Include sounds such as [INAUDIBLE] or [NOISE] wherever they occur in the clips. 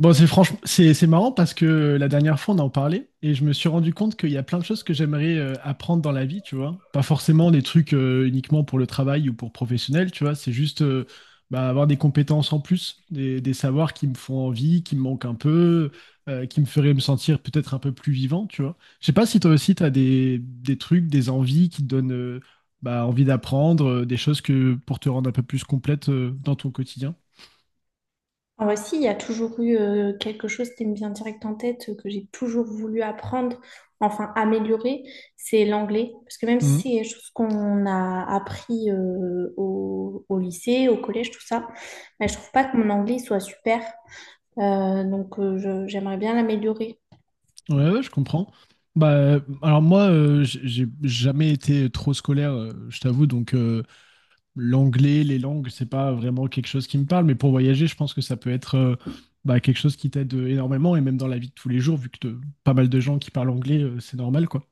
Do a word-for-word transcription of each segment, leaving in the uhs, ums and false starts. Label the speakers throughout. Speaker 1: Bon, c'est franchement, c'est c'est marrant parce que la dernière fois, on en parlait et je me suis rendu compte qu'il y a plein de choses que j'aimerais euh, apprendre dans la vie, tu vois. Pas forcément des trucs euh, uniquement pour le travail ou pour professionnel, tu vois. C'est juste euh, bah, avoir des compétences en plus, des, des savoirs qui me font envie, qui me manquent un peu, euh, qui me feraient me sentir peut-être un peu plus vivant, tu vois. Je sais pas si toi aussi, tu as des, des trucs, des envies qui te donnent euh, bah, envie d'apprendre, euh, des choses que pour te rendre un peu plus complète euh, dans ton quotidien.
Speaker 2: En vrai, si, il y a toujours eu euh, quelque chose qui me vient direct en tête, euh, que j'ai toujours voulu apprendre, enfin améliorer, c'est l'anglais. Parce que même si
Speaker 1: Mhm.
Speaker 2: c'est quelque chose qu'on a appris euh, au, au lycée, au collège, tout ça, mais je trouve pas que mon anglais soit super. Euh, donc euh, je- j'aimerais bien l'améliorer.
Speaker 1: Ouais, ouais, je comprends. Bah, euh, alors moi, euh, j- j'ai jamais été trop scolaire, euh, je t'avoue, donc euh, l'anglais, les langues, c'est pas vraiment quelque chose qui me parle, mais pour voyager, je pense que ça peut être euh, bah, quelque chose qui t'aide euh, énormément, et même dans la vie de tous les jours, vu que de- pas mal de gens qui parlent anglais, euh, c'est normal, quoi.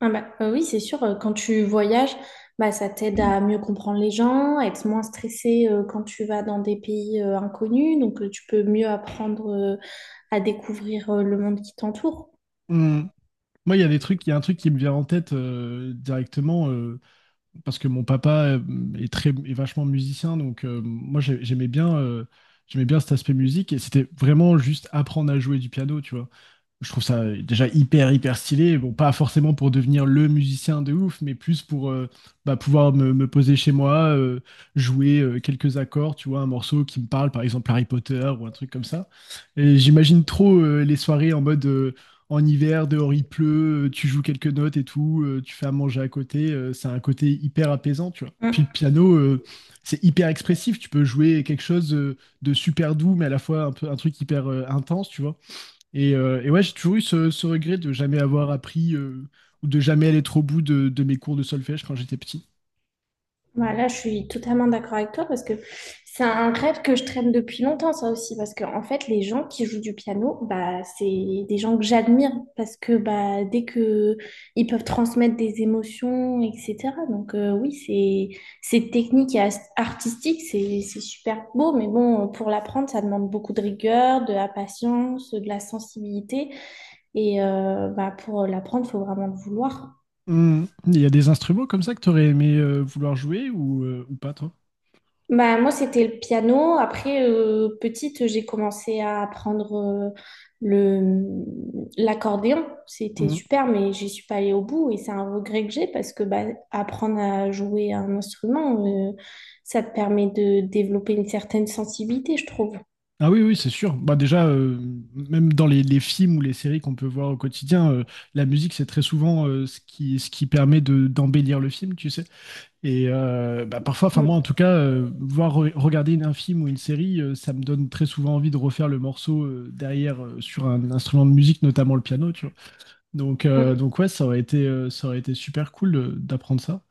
Speaker 2: Ah bah, euh, oui, c'est sûr, euh, quand tu voyages, bah, ça t'aide à mieux comprendre les gens, à être moins stressé euh, quand tu vas dans des pays euh, inconnus, donc euh, tu peux mieux apprendre euh, à découvrir euh, le monde qui t'entoure.
Speaker 1: Mhm. Moi, il y a des trucs, il y a un truc qui me vient en tête euh, directement. Euh, parce que mon papa euh, est très est vachement musicien, donc euh, moi j'ai- j'aimais bien euh, j'aimais bien cet aspect musique et c'était vraiment juste apprendre à jouer du piano, tu vois, je trouve ça euh, déjà hyper hyper stylé. Bon, pas forcément pour devenir le musicien de ouf, mais plus pour euh, bah, pouvoir me, me poser chez moi, euh, jouer euh, quelques accords, tu vois, un morceau qui me parle, par exemple Harry Potter ou un truc comme ça. Et j'imagine trop euh, les soirées en mode euh, en hiver, dehors il pleut, euh, tu joues quelques notes et tout, euh, tu fais à manger à côté. Euh, c'est un côté hyper apaisant, tu vois. Puis le piano, euh, c'est hyper expressif. Tu peux jouer quelque chose euh, de super doux, mais à la fois un peu un truc hyper euh, intense, tu vois. Et, euh, et ouais, j'ai toujours eu ce, ce regret de jamais avoir appris euh, ou de jamais aller trop au bout de, de mes cours de solfège quand j'étais petit.
Speaker 2: Voilà, je suis totalement d'accord avec toi parce que c'est un rêve que je traîne depuis longtemps, ça aussi, parce que en fait, les gens qui jouent du piano, bah, c'est des gens que j'admire parce que bah, dès que ils peuvent transmettre des émotions, et cetera. Donc euh, oui, c'est c'est technique et as- artistique, c'est c'est super beau, mais bon, pour l'apprendre, ça demande beaucoup de rigueur, de la patience, de la sensibilité, et euh, bah, pour l'apprendre, faut vraiment le vouloir.
Speaker 1: Hmm. Il y a des instruments comme ça que t'aurais aimé euh, vouloir jouer ou, euh, ou pas, toi?
Speaker 2: Bah, moi, c'était le piano. Après, euh, petite, j'ai commencé à apprendre euh, le, l'accordéon. C'était
Speaker 1: Mhm.
Speaker 2: super, mais j'y suis pas allée au bout et c'est un regret que j'ai parce que bah, apprendre à jouer un instrument, euh, ça te permet de développer une certaine sensibilité, je trouve.
Speaker 1: Ah oui, oui, c'est sûr. Bah déjà, euh, même dans les, les films ou les séries qu'on peut voir au quotidien, euh, la musique, c'est très souvent euh, ce qui, ce qui permet de, d'embellir le film, tu sais. Et euh, bah, parfois, enfin moi en
Speaker 2: Mm,
Speaker 1: tout cas, euh, voir re- regarder une- un film ou une série, euh, ça me donne très souvent envie de refaire le morceau euh, derrière euh, sur un instrument de musique, notamment le piano, tu vois. Donc, euh,
Speaker 2: mm,
Speaker 1: donc ouais, ça aurait été, euh, ça aurait été super cool euh, d'apprendre ça.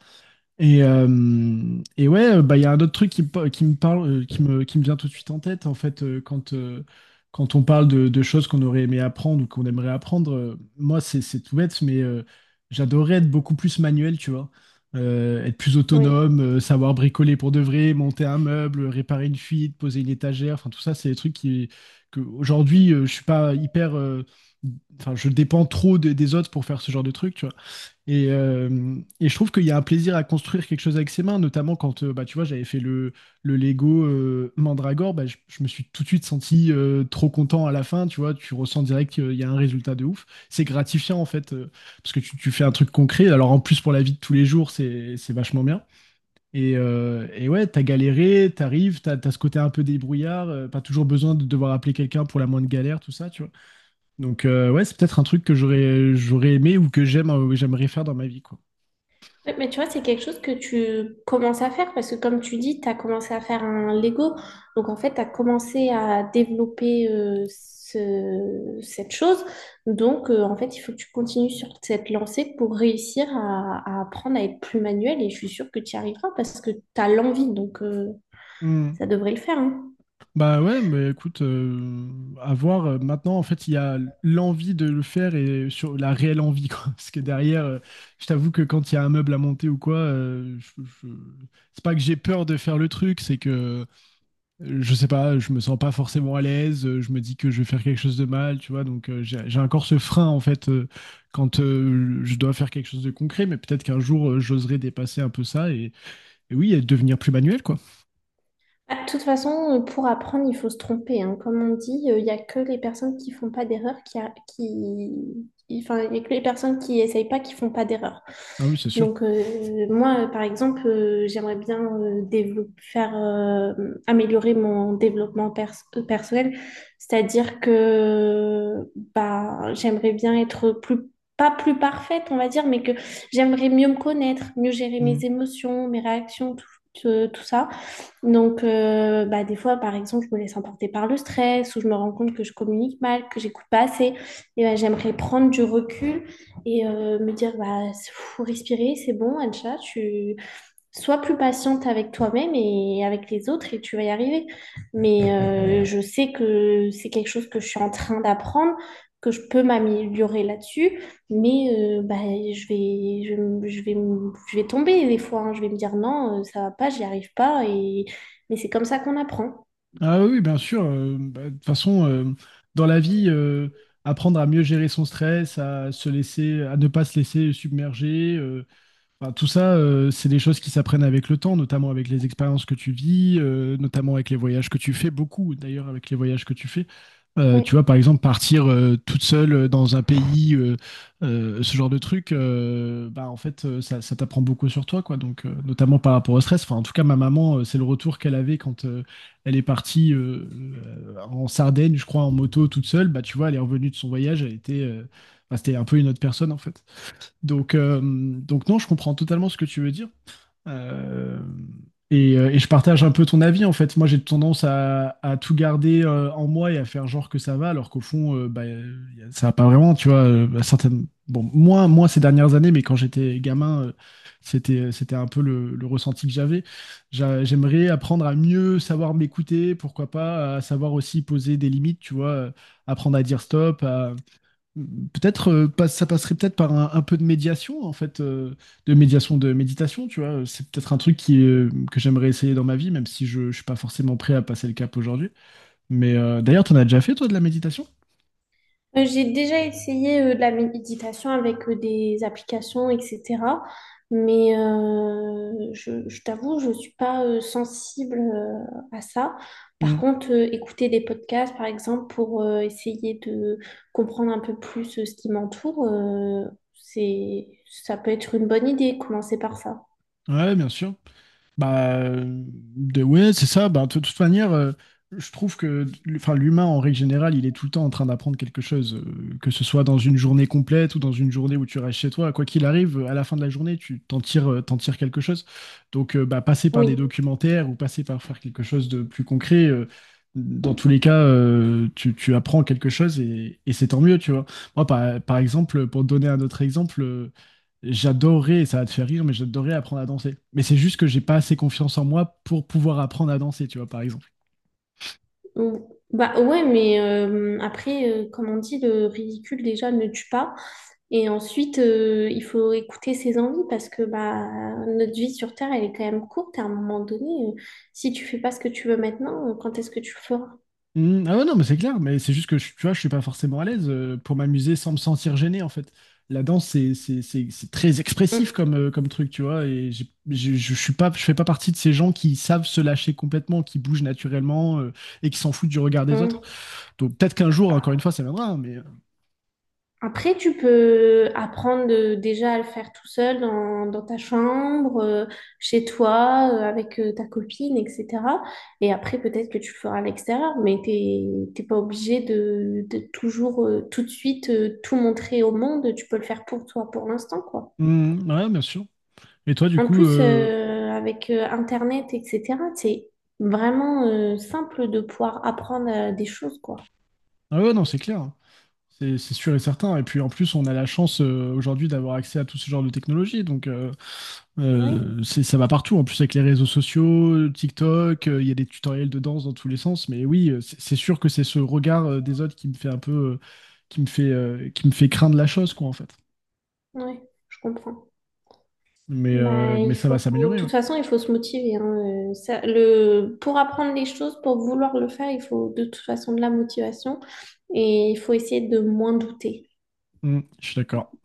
Speaker 1: Et, euh, et ouais, euh, bah, il y a un autre truc qui, me pa- qui me parle, euh, qui me, qui me vient tout de suite en tête, en fait, euh, quand, euh, quand on parle de, de choses qu'on aurait aimé apprendre ou qu'on aimerait apprendre. Euh, moi, c'est, c'est tout bête, mais euh, j'adorais être beaucoup plus manuel, tu vois. Euh, être plus
Speaker 2: oui.
Speaker 1: autonome, euh, savoir bricoler pour de vrai, monter un meuble, réparer une fuite, poser une étagère. Enfin, tout ça, c'est des trucs qui, que aujourd'hui, euh, je suis pas hyper. euh, Enfin, je dépends trop de- des autres pour faire ce genre de trucs, tu vois. Et, euh, et je trouve qu'il y a un plaisir à construire quelque chose avec ses mains, notamment quand euh, bah, tu vois, j'avais fait le, le Lego euh, Mandragore, bah, je, je me suis tout de suite senti euh, trop content à la fin, tu vois, tu ressens direct qu'il y a un résultat de ouf. C'est gratifiant en fait, euh, parce que tu, tu fais un truc concret. Alors en plus pour la vie de tous les jours, c'est, c'est vachement bien. Et, euh, et ouais, t'as galéré, t'arrives, t'as, t'as ce côté un peu débrouillard, euh, pas toujours besoin de devoir appeler quelqu'un pour la moindre galère, tout ça, tu vois. Donc euh, ouais, c'est peut-être un truc que j'aurais, j'aurais aimé ou que j'aime, euh, j'aimerais faire dans ma vie, quoi.
Speaker 2: Ouais, mais tu vois, c'est quelque chose que tu commences à faire parce que comme tu dis, tu as commencé à faire un Lego. Donc en fait, tu as commencé à développer euh, ce- cette chose. Donc euh, en fait, il faut que tu continues sur cette lancée pour réussir à, à apprendre à être plus manuel. Et je suis sûre que tu y arriveras parce que tu as l'envie. Donc euh,
Speaker 1: Hmm.
Speaker 2: ça devrait le faire, hein.
Speaker 1: Bah ouais, mais écoute, euh, à voir. Euh, Maintenant, en fait, il y a l'envie de le faire et sur la réelle envie, quoi. [LAUGHS] Parce que derrière, euh, je t'avoue que quand il y a un meuble à monter ou quoi, euh, je- je- c'est pas que j'ai peur de faire le truc, c'est que euh, je sais pas, je me sens pas forcément à l'aise. Euh, je me dis que je vais faire quelque chose de mal, tu vois. Donc euh, j'ai j'ai encore ce frein en fait euh, quand euh, je dois faire quelque chose de concret. Mais peut-être qu'un jour euh, j'oserai dépasser un peu ça et, et oui, et devenir plus manuel, quoi.
Speaker 2: Ah, de toute façon, euh, pour apprendre, il faut se tromper. Hein. Comme on dit, euh, il n'y a que les personnes qui font pas d'erreur qui, a- qui... qui- Enfin, il y a que les personnes qui essayent pas qui font pas d'erreur.
Speaker 1: Ah oui, c'est sûr.
Speaker 2: Donc, euh, moi, euh, par exemple, euh, j'aimerais bien euh, dévelop- faire, euh, améliorer mon développement pers- euh, personnel. C'est-à-dire que bah, j'aimerais bien être plus, pas plus parfaite, on va dire, mais que j'aimerais mieux me connaître, mieux gérer mes émotions, mes réactions, tout, tout tout ça. Donc, euh, bah, des fois, par exemple, je me laisse emporter par le stress ou je me rends compte que je communique mal, que j'écoute pas assez. Et bah, j'aimerais prendre du recul et euh, me dire, bah, faut respirer, c'est bon, Ancha, tu, sois plus patiente avec toi-même et avec les autres et tu vas y arriver. Mais euh, je sais que c'est quelque chose que je suis en train d'apprendre, que je peux m'améliorer là-dessus, mais euh, bah, je vais, je, vais- je vais, je vais tomber des fois, hein. Je vais me dire non, euh, ça va pas, j'y arrive pas, et... mais c'est comme ça qu'on apprend.
Speaker 1: Ah oui, bien sûr. euh, bah, De toute façon, euh, dans la vie, euh, apprendre à mieux gérer son stress, à se laisser, à ne pas se laisser submerger, euh, enfin, tout ça, euh, c'est des choses qui s'apprennent avec le temps, notamment avec les expériences que tu vis, euh, notamment avec les voyages que tu fais, beaucoup d'ailleurs avec les voyages que tu fais. Euh,
Speaker 2: Ouais.
Speaker 1: tu vois, par exemple, partir euh, toute seule euh, dans un pays, euh, euh, ce genre de truc, euh, bah, en fait, euh, ça, ça t'apprend beaucoup sur toi, quoi. Donc, euh, notamment par rapport au stress. Enfin, en tout cas, ma maman, euh, c'est le retour qu'elle avait quand euh, elle est partie euh, euh, en Sardaigne, je crois, en moto toute seule. Bah, tu vois, elle est revenue de son voyage, elle était, euh, bah, c'était un peu une autre personne, en fait. Donc, euh, donc non, je comprends totalement ce que tu veux dire. Euh, et, euh, et je partage un peu ton avis, en fait. Moi, j'ai tendance à, à tout garder euh, en moi et à faire genre que ça va, alors qu'au fond, euh, bah, euh, y a- ça va pas vraiment, tu vois. Euh, bah, certaines... Bon, moins, moins ces dernières années, mais quand j'étais gamin, euh, c'était, c'était un peu le, le ressenti que j'avais. J'a- J'aimerais apprendre à mieux savoir m'écouter, pourquoi pas, à savoir aussi poser des limites, tu vois, euh, apprendre à dire stop, peut-être, euh, pas- ça passerait peut-être par un, un peu de médiation, en fait, euh, de médiation, de méditation, tu vois. C'est peut-être un truc qui, euh, que j'aimerais essayer dans ma vie, même si je ne suis pas forcément prêt à passer le cap aujourd'hui. Mais euh, d'ailleurs, tu en as déjà fait, toi, de la méditation?
Speaker 2: Euh, J'ai déjà essayé euh, de la méditation avec euh, des applications, et cetera. Mais euh, je, je t'avoue, je ne suis pas euh, sensible euh, à ça. Par
Speaker 1: Mm.
Speaker 2: contre, euh, écouter des podcasts, par exemple, pour euh, essayer de comprendre un peu plus euh, ce qui m'entoure, euh, c'est, ça peut être une bonne idée, commencer par ça.
Speaker 1: Ouais, bien sûr. Bah, euh, de, ouais, c'est ça. Bah, de toute manière, euh, je trouve que enfin, l'humain, en règle générale, il est tout le temps en train d'apprendre quelque chose, euh, que ce soit dans une journée complète ou dans une journée où tu restes chez toi. Quoi qu'il arrive, à la fin de la journée, tu t'en tires, euh, t'en tires quelque chose. Donc, euh, bah, passer par des
Speaker 2: Oui.
Speaker 1: documentaires ou passer par faire quelque chose de plus concret, euh, dans tous les cas, euh, tu, tu apprends quelque chose et, et c'est tant mieux, tu vois. Moi, par, par exemple, pour te donner un autre exemple, euh, j'adorais, ça va te faire rire, mais j'adorais apprendre à danser. Mais c'est juste que j'ai pas assez confiance en moi pour pouvoir apprendre à danser, tu vois, par exemple.
Speaker 2: Ou- bah ouais, mais euh, après, euh, comme on dit, le ridicule déjà ne tue pas. Et ensuite, euh, il faut écouter ses envies parce que bah, notre vie sur Terre, elle est quand même courte. À un moment donné, euh, si tu fais pas ce que tu veux maintenant, euh, quand est-ce que tu le feras?
Speaker 1: Hmm, ah ouais, non, mais c'est clair, mais c'est juste que, je- tu vois, je suis pas forcément à l'aise euh, pour m'amuser sans me sentir gêné, en fait. La danse, c'est c'est- c'est- c'est très expressif comme, euh, comme truc, tu vois, et j'ai- je je, suis pas, je fais pas partie de ces gens qui savent se lâcher complètement, qui bougent naturellement euh, et qui s'en foutent du regard
Speaker 2: Mm,
Speaker 1: des autres.
Speaker 2: mm.
Speaker 1: Donc peut-être qu'un jour, encore une fois, ça viendra, hein, mais... euh,
Speaker 2: Après, tu peux apprendre euh, déjà à le faire tout seul dans, dans ta chambre, euh, chez toi, euh, avec euh, ta copine, et cetera. Et après, peut-être que tu le feras à l'extérieur, mais t'es, t'es pas obligé de, de toujours, euh, tout de suite, euh, tout montrer au monde. Tu peux le faire pour toi pour l'instant, quoi.
Speaker 1: hmm, ouais, bien sûr. Et toi, du
Speaker 2: En
Speaker 1: coup...
Speaker 2: plus,
Speaker 1: euh,
Speaker 2: euh, avec euh, Internet, et cetera, c'est vraiment euh, simple de pouvoir apprendre euh, des choses, quoi.
Speaker 1: ah ouais, non, c'est clair. C'est c'est sûr et certain. Et puis en plus, on a la chance euh, aujourd'hui d'avoir accès à tout ce genre de technologie. Donc euh,
Speaker 2: Oui,
Speaker 1: euh, c'est- ça va partout. En plus, avec les réseaux sociaux, TikTok, euh, il y a des tutoriels de danse dans tous les sens. Mais oui, euh, c'est c'est sûr que c'est ce regard euh, des autres qui me fait un peu, euh, qui me fait, euh, qui me fait craindre la chose, quoi, en fait.
Speaker 2: oui, je comprends.
Speaker 1: Mais,
Speaker 2: Bah,
Speaker 1: euh, mais
Speaker 2: il
Speaker 1: ça
Speaker 2: faut,
Speaker 1: va
Speaker 2: de
Speaker 1: s'améliorer, ouais.
Speaker 2: toute façon, il faut se motiver. Hein. Euh, ça- le, pour apprendre les choses, pour vouloir le faire, il faut de toute façon de la motivation et il faut essayer de moins douter.
Speaker 1: Mm, je suis d'accord.